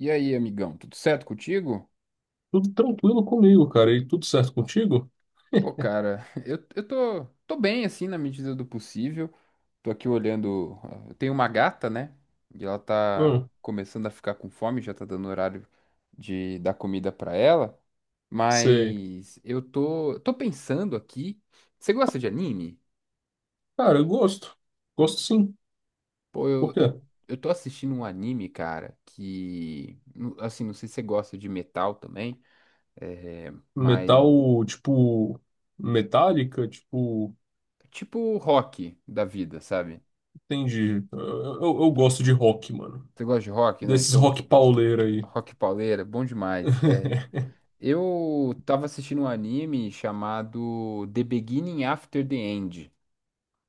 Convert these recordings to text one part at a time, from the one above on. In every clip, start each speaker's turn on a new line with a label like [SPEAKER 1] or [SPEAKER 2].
[SPEAKER 1] E aí, amigão, tudo certo contigo?
[SPEAKER 2] Tudo tranquilo comigo, cara. E tudo certo contigo?
[SPEAKER 1] Pô, cara, eu tô bem, assim, na medida do possível. Tô aqui olhando. Eu tenho uma gata, né? E ela tá
[SPEAKER 2] Hum,
[SPEAKER 1] começando a ficar com fome, já tá dando horário de dar comida pra ela.
[SPEAKER 2] sei.
[SPEAKER 1] Mas eu tô pensando aqui. Você gosta de anime?
[SPEAKER 2] Cara, eu gosto. Gosto sim.
[SPEAKER 1] Pô,
[SPEAKER 2] Por
[SPEAKER 1] eu, eu,
[SPEAKER 2] quê?
[SPEAKER 1] eu tô assistindo um anime, cara, que. Assim, não sei se você gosta de metal também, mas.
[SPEAKER 2] Metal, tipo, metálica, tipo,
[SPEAKER 1] Tipo rock da vida, sabe?
[SPEAKER 2] entendi. Eu gosto de rock, mano.
[SPEAKER 1] Você gosta de rock? Não,
[SPEAKER 2] Desses
[SPEAKER 1] então
[SPEAKER 2] rock pauleira aí.
[SPEAKER 1] rock pauleira, bom demais. É, eu tava assistindo um anime chamado The Beginning After the End.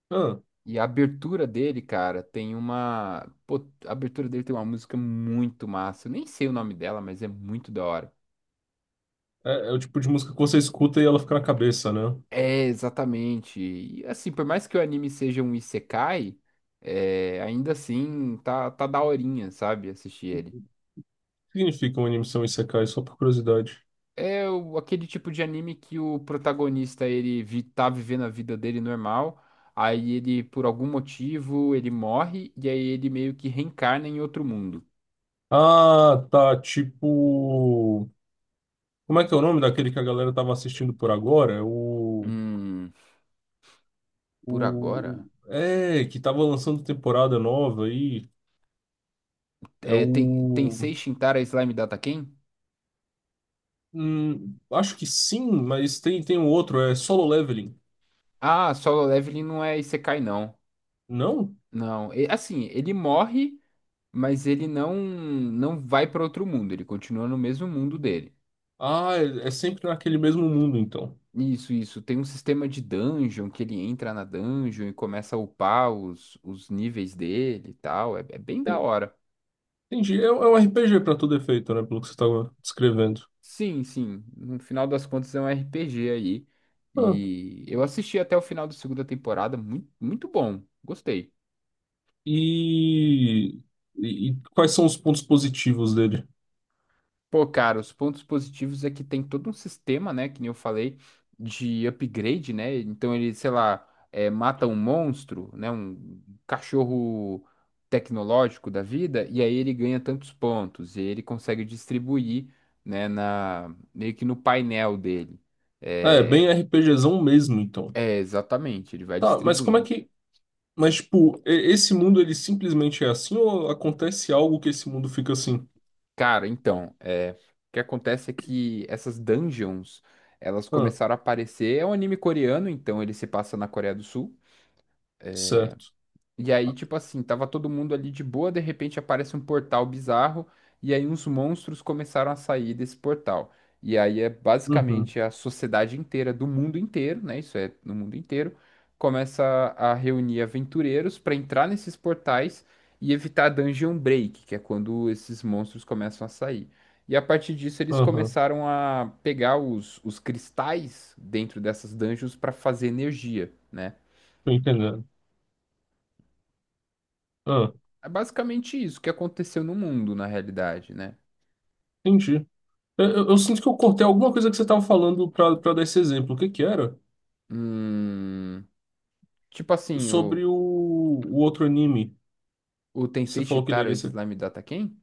[SPEAKER 2] Ah,
[SPEAKER 1] E a abertura dele, cara, tem uma. Pô, a abertura dele tem uma música muito massa. Eu nem sei o nome dela, mas é muito da hora.
[SPEAKER 2] é o tipo de música que você escuta e ela fica na cabeça, né? O
[SPEAKER 1] É, exatamente. E assim, por mais que o anime seja um isekai, ainda assim tá daorinha, sabe? Assistir ele.
[SPEAKER 2] que significa uma animação Isekai? Só por curiosidade.
[SPEAKER 1] Aquele tipo de anime que o protagonista tá vivendo a vida dele normal, aí ele por algum motivo ele morre e aí ele meio que reencarna em outro mundo.
[SPEAKER 2] Ah, tá. Tipo. Como é que é o nome daquele que a galera tava assistindo por agora? É O.
[SPEAKER 1] Hum, por
[SPEAKER 2] O,
[SPEAKER 1] agora.
[SPEAKER 2] é, que tava lançando temporada nova aí. É
[SPEAKER 1] É, tem
[SPEAKER 2] o.
[SPEAKER 1] Tensei Shintara Slime Data Ken?
[SPEAKER 2] Acho que sim, mas tem um outro, é Solo Leveling.
[SPEAKER 1] Ah, Solo Leveling não é Isekai não.
[SPEAKER 2] Não?
[SPEAKER 1] Não, assim, ele morre, mas ele não vai para outro mundo, ele continua no mesmo mundo dele.
[SPEAKER 2] Ah, é sempre naquele mesmo mundo, então.
[SPEAKER 1] Isso, isso. Tem um sistema de dungeon que ele entra na dungeon e começa a upar os níveis dele e tal. É, é bem da
[SPEAKER 2] En-
[SPEAKER 1] hora.
[SPEAKER 2] Entendi. É um RPG pra todo efeito, né? Pelo que você tava descrevendo.
[SPEAKER 1] Sim, sim. No final das contas é um RPG aí.
[SPEAKER 2] Ah,
[SPEAKER 1] E eu assisti até o final da segunda temporada. Muito, muito bom. Gostei.
[SPEAKER 2] e, e quais são os pontos positivos dele?
[SPEAKER 1] Pô, cara, os pontos positivos é que tem todo um sistema, né, que nem eu falei, de upgrade, né? Então ele, sei lá, é, mata um monstro, né, um cachorro tecnológico da vida, e aí ele ganha tantos pontos, e ele consegue distribuir, né, na, meio que no painel dele.
[SPEAKER 2] Ah, é,
[SPEAKER 1] É,
[SPEAKER 2] bem RPGzão mesmo, então.
[SPEAKER 1] exatamente, ele vai
[SPEAKER 2] Tá, mas como é
[SPEAKER 1] distribuindo.
[SPEAKER 2] que. Mas, tipo, esse mundo ele simplesmente é assim ou acontece algo que esse mundo fica assim?
[SPEAKER 1] Cara, então, é, o que acontece é que essas dungeons, elas
[SPEAKER 2] Ah,
[SPEAKER 1] começaram a aparecer, é um anime coreano, então ele se passa na Coreia do Sul.
[SPEAKER 2] certo.
[SPEAKER 1] E aí, tipo assim, tava todo mundo ali de boa, de repente aparece um portal bizarro, e aí uns monstros começaram a sair desse portal. E aí é
[SPEAKER 2] Uhum,
[SPEAKER 1] basicamente a sociedade inteira, do mundo inteiro, né? Isso é, no mundo inteiro, começa a reunir aventureiros para entrar nesses portais e evitar dungeon break, que é quando esses monstros começam a sair. E a partir disso, eles
[SPEAKER 2] aham,
[SPEAKER 1] começaram a pegar os cristais dentro dessas dungeons para fazer energia, né?
[SPEAKER 2] tô entendendo. Ah,
[SPEAKER 1] É basicamente isso que aconteceu no mundo, na realidade, né?
[SPEAKER 2] entendi. Eu sinto que eu cortei alguma coisa que você tava falando pra dar esse exemplo. O que que era?
[SPEAKER 1] Hum, tipo assim,
[SPEAKER 2] Sobre o outro anime
[SPEAKER 1] o
[SPEAKER 2] que
[SPEAKER 1] Tensei
[SPEAKER 2] você falou que ele
[SPEAKER 1] Chitara
[SPEAKER 2] era esse.
[SPEAKER 1] Slime Data quem?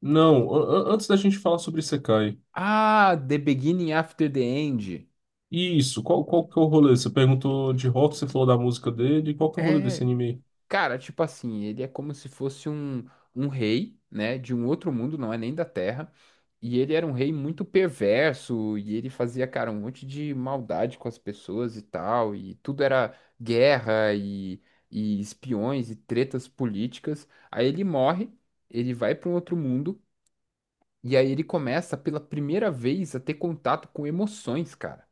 [SPEAKER 2] Não, antes da gente falar sobre Isekai.
[SPEAKER 1] Ah, The Beginning After the End.
[SPEAKER 2] Isso, qual que é o rolê? Você perguntou de rock, você falou da música dele. Qual que é o rolê desse
[SPEAKER 1] É,
[SPEAKER 2] anime? Aí?
[SPEAKER 1] cara, tipo assim, ele é como se fosse um rei, né, de um outro mundo, não é nem da Terra. E ele era um rei muito perverso, e ele fazia, cara, um monte de maldade com as pessoas e tal, e tudo era guerra e espiões e tretas políticas. Aí ele morre, ele vai para um outro mundo, e aí ele começa pela primeira vez a ter contato com emoções, cara.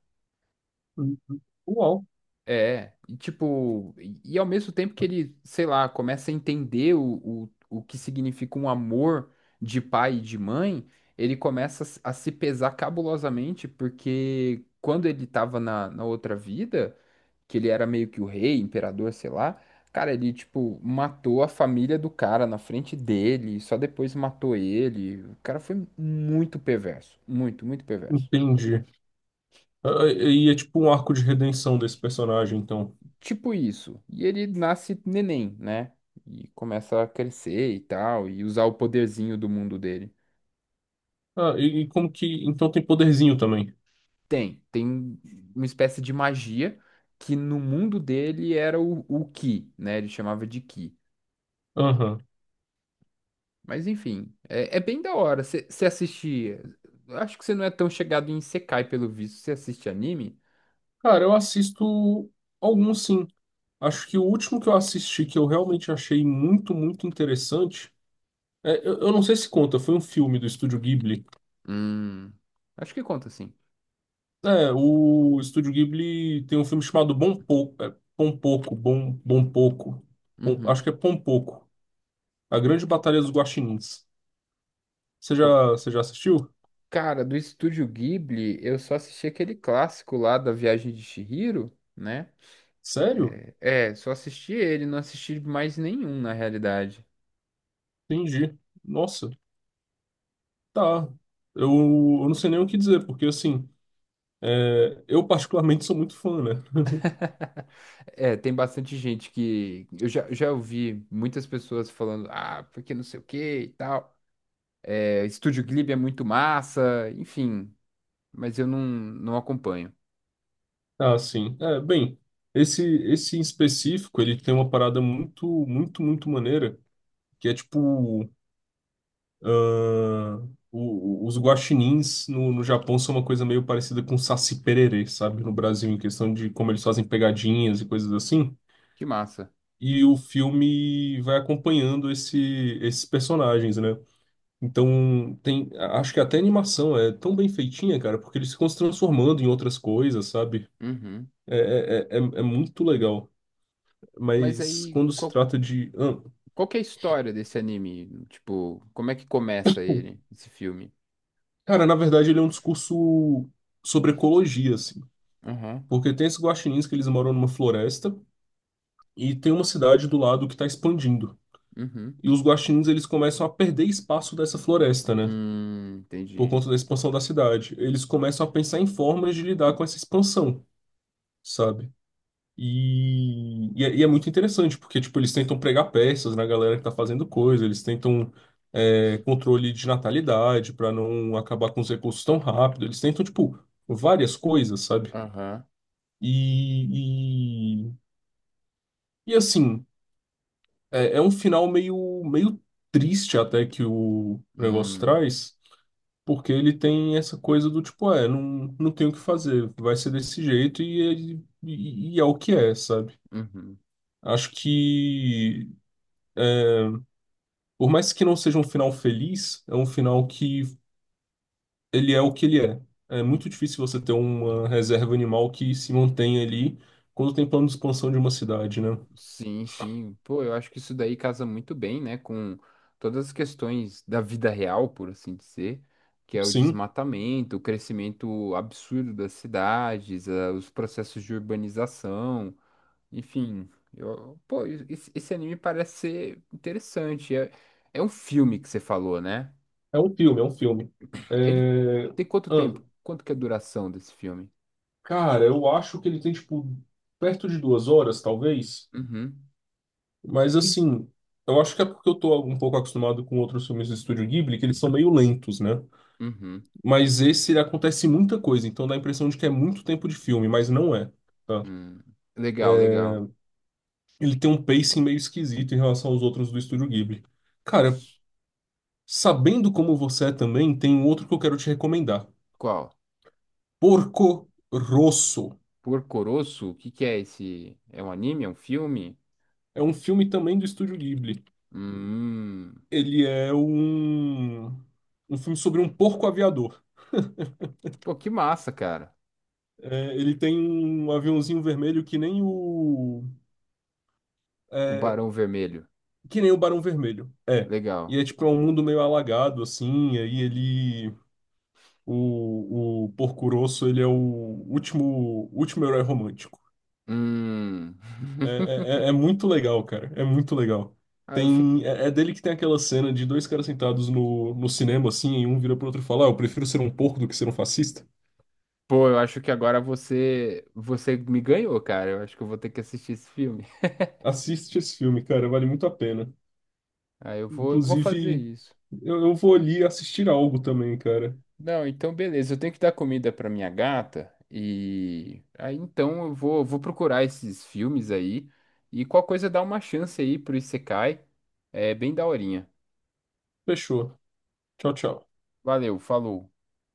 [SPEAKER 2] Uhum. Uau,
[SPEAKER 1] É, e tipo, e ao mesmo tempo que ele, sei lá, começa a entender o que significa um amor de pai e de mãe, ele começa a, se pesar cabulosamente, porque quando ele tava na, na outra vida, que ele era meio que o rei, imperador, sei lá, cara, ele, tipo, matou a família do cara na frente dele, só depois matou ele. O cara foi muito perverso, muito, muito perverso.
[SPEAKER 2] entendi. Ah, E é tipo um arco de redenção desse personagem, então.
[SPEAKER 1] Tipo isso. E ele nasce neném, né? E começa a crescer e tal, e usar o poderzinho do mundo dele.
[SPEAKER 2] Ah, e como que. Então tem poderzinho também.
[SPEAKER 1] Tem uma espécie de magia que no mundo dele era o Ki, né? Ele chamava de Ki.
[SPEAKER 2] Aham.
[SPEAKER 1] Mas enfim, é, é bem da hora. Você assiste. Eu Acho que você não é tão chegado em Sekai, pelo visto. Você assiste anime?
[SPEAKER 2] Cara, eu assisto alguns sim. Acho que o último que eu assisti que eu realmente achei muito, muito interessante. Eu não sei se conta, foi um filme do Estúdio Ghibli.
[SPEAKER 1] Hum. Acho que conta sim.
[SPEAKER 2] É, o Estúdio Ghibli tem um filme chamado Bom Pouco. É, Pom Pouco, Bom, Bom Pouco. Acho
[SPEAKER 1] Uhum.
[SPEAKER 2] que é Pom Pouco. A Grande Batalha dos Guaxinins. Você
[SPEAKER 1] Pô,
[SPEAKER 2] já, você já assistiu?
[SPEAKER 1] cara, do Estúdio Ghibli, eu só assisti aquele clássico lá da Viagem de Chihiro, né?
[SPEAKER 2] Sério?
[SPEAKER 1] É, é, só assisti ele, não assisti mais nenhum na realidade.
[SPEAKER 2] Entendi. Nossa, tá. Eu, eu não sei nem o que dizer, porque assim, eu particularmente sou muito fã, né?
[SPEAKER 1] É, tem bastante gente que. Eu já ouvi muitas pessoas falando, ah, porque não sei o que e tal. É, Estúdio Ghibli é muito massa, enfim. Mas eu não acompanho.
[SPEAKER 2] Ah, sim. É, bem, esse esse em específico, ele tem uma parada muito, muito, muito maneira, que é tipo, os guaxinins no Japão são uma coisa meio parecida com Saci Pererê, sabe? No Brasil, em questão de como eles fazem pegadinhas e coisas assim.
[SPEAKER 1] Que massa.
[SPEAKER 2] E o filme vai acompanhando esses personagens, né? Então, tem, acho que até a animação é tão bem feitinha, cara, porque eles ficam se transformando em outras coisas, sabe?
[SPEAKER 1] Uhum.
[SPEAKER 2] É muito legal.
[SPEAKER 1] Mas
[SPEAKER 2] Mas
[SPEAKER 1] aí,
[SPEAKER 2] quando se trata de.
[SPEAKER 1] qual que é a história desse anime? Tipo, como é que começa ele, esse filme?
[SPEAKER 2] Cara, na verdade, ele é um discurso sobre ecologia, assim.
[SPEAKER 1] Aham.
[SPEAKER 2] Porque tem esses guaxinins que eles moram numa floresta e tem uma cidade do lado que está expandindo.
[SPEAKER 1] Uhum.
[SPEAKER 2] E os guaxinins, eles começam a perder espaço dessa floresta, né? Por
[SPEAKER 1] Entendi.
[SPEAKER 2] conta da expansão da cidade. Eles começam a pensar em formas de lidar com essa expansão, sabe? E é muito interessante, porque, tipo, eles tentam pregar peças na galera que tá fazendo coisa, eles tentam controle de natalidade para não acabar com os recursos tão rápido, eles tentam, tipo, várias coisas, sabe?
[SPEAKER 1] Aham.
[SPEAKER 2] E, e, e, assim, é um final meio, meio triste até que o negócio
[SPEAKER 1] Hum.
[SPEAKER 2] traz, porque ele tem essa coisa do tipo, não tem o que fazer, vai ser desse jeito e é o que é, sabe?
[SPEAKER 1] Uhum.
[SPEAKER 2] Acho que por mais que não seja um final feliz, é um final que ele é o que ele é. É muito difícil você ter uma reserva animal que se mantenha ali quando tem plano de expansão de uma cidade, né?
[SPEAKER 1] Sim, sim. Pô, eu acho que isso daí casa muito bem, né, com todas as questões da vida real, por assim dizer, que é o
[SPEAKER 2] Sim,
[SPEAKER 1] desmatamento, o crescimento absurdo das cidades, os processos de urbanização, enfim. Pô, esse anime parece ser interessante. É, é um filme que você falou, né?
[SPEAKER 2] é um filme, é um filme.
[SPEAKER 1] Ele
[SPEAKER 2] É...
[SPEAKER 1] tem quanto
[SPEAKER 2] ah,
[SPEAKER 1] tempo? Quanto que é a duração desse filme?
[SPEAKER 2] cara, eu acho que ele tem, tipo, perto de 2 horas, talvez.
[SPEAKER 1] Uhum,
[SPEAKER 2] Mas, assim, eu acho que é porque eu tô um pouco acostumado com outros filmes do Estúdio Ghibli, que eles são meio lentos, né?
[SPEAKER 1] uhum.
[SPEAKER 2] Mas esse, ele acontece muita coisa, então dá a impressão de que é muito tempo de filme, mas não é. Tá?
[SPEAKER 1] Hum. Legal, legal.
[SPEAKER 2] Ele tem um pacing meio esquisito em relação aos outros do Estúdio Ghibli. Cara, sabendo como você é também, tem um outro que eu quero te recomendar.
[SPEAKER 1] Qual?
[SPEAKER 2] Porco Rosso.
[SPEAKER 1] Porco Rosso? O que que é esse? É um anime? É um filme?
[SPEAKER 2] É um filme também do Estúdio Ghibli.
[SPEAKER 1] Hum.
[SPEAKER 2] Ele é um filme sobre um porco aviador.
[SPEAKER 1] Pô, que massa, cara.
[SPEAKER 2] É, ele tem um aviãozinho vermelho que nem o...
[SPEAKER 1] O
[SPEAKER 2] É,
[SPEAKER 1] Barão Vermelho.
[SPEAKER 2] que nem o Barão Vermelho. É.
[SPEAKER 1] Legal.
[SPEAKER 2] E é tipo é um mundo meio alagado, assim, e aí ele... O Porco Rosso, ele é o último, último herói romântico.
[SPEAKER 1] Hum.
[SPEAKER 2] É, é, é é muito legal, cara. É muito legal.
[SPEAKER 1] Ah,
[SPEAKER 2] Tem, é dele que tem aquela cena de dois caras sentados no cinema, assim, e um vira pro outro e fala: Ah, eu prefiro ser um porco do que ser um fascista.
[SPEAKER 1] pô, eu acho que agora você me ganhou, cara. Eu acho que eu vou ter que assistir esse filme.
[SPEAKER 2] Assiste esse filme, cara, vale muito a pena.
[SPEAKER 1] Ah, eu vou fazer
[SPEAKER 2] Inclusive,
[SPEAKER 1] isso.
[SPEAKER 2] eu vou ali assistir algo também, cara.
[SPEAKER 1] Não, então beleza. Eu tenho que dar comida pra minha gata e aí então eu vou procurar esses filmes aí e qual coisa dá uma chance aí pro Isekai. É bem daorinha.
[SPEAKER 2] Fechou. Tchau, tchau.
[SPEAKER 1] Valeu, falou.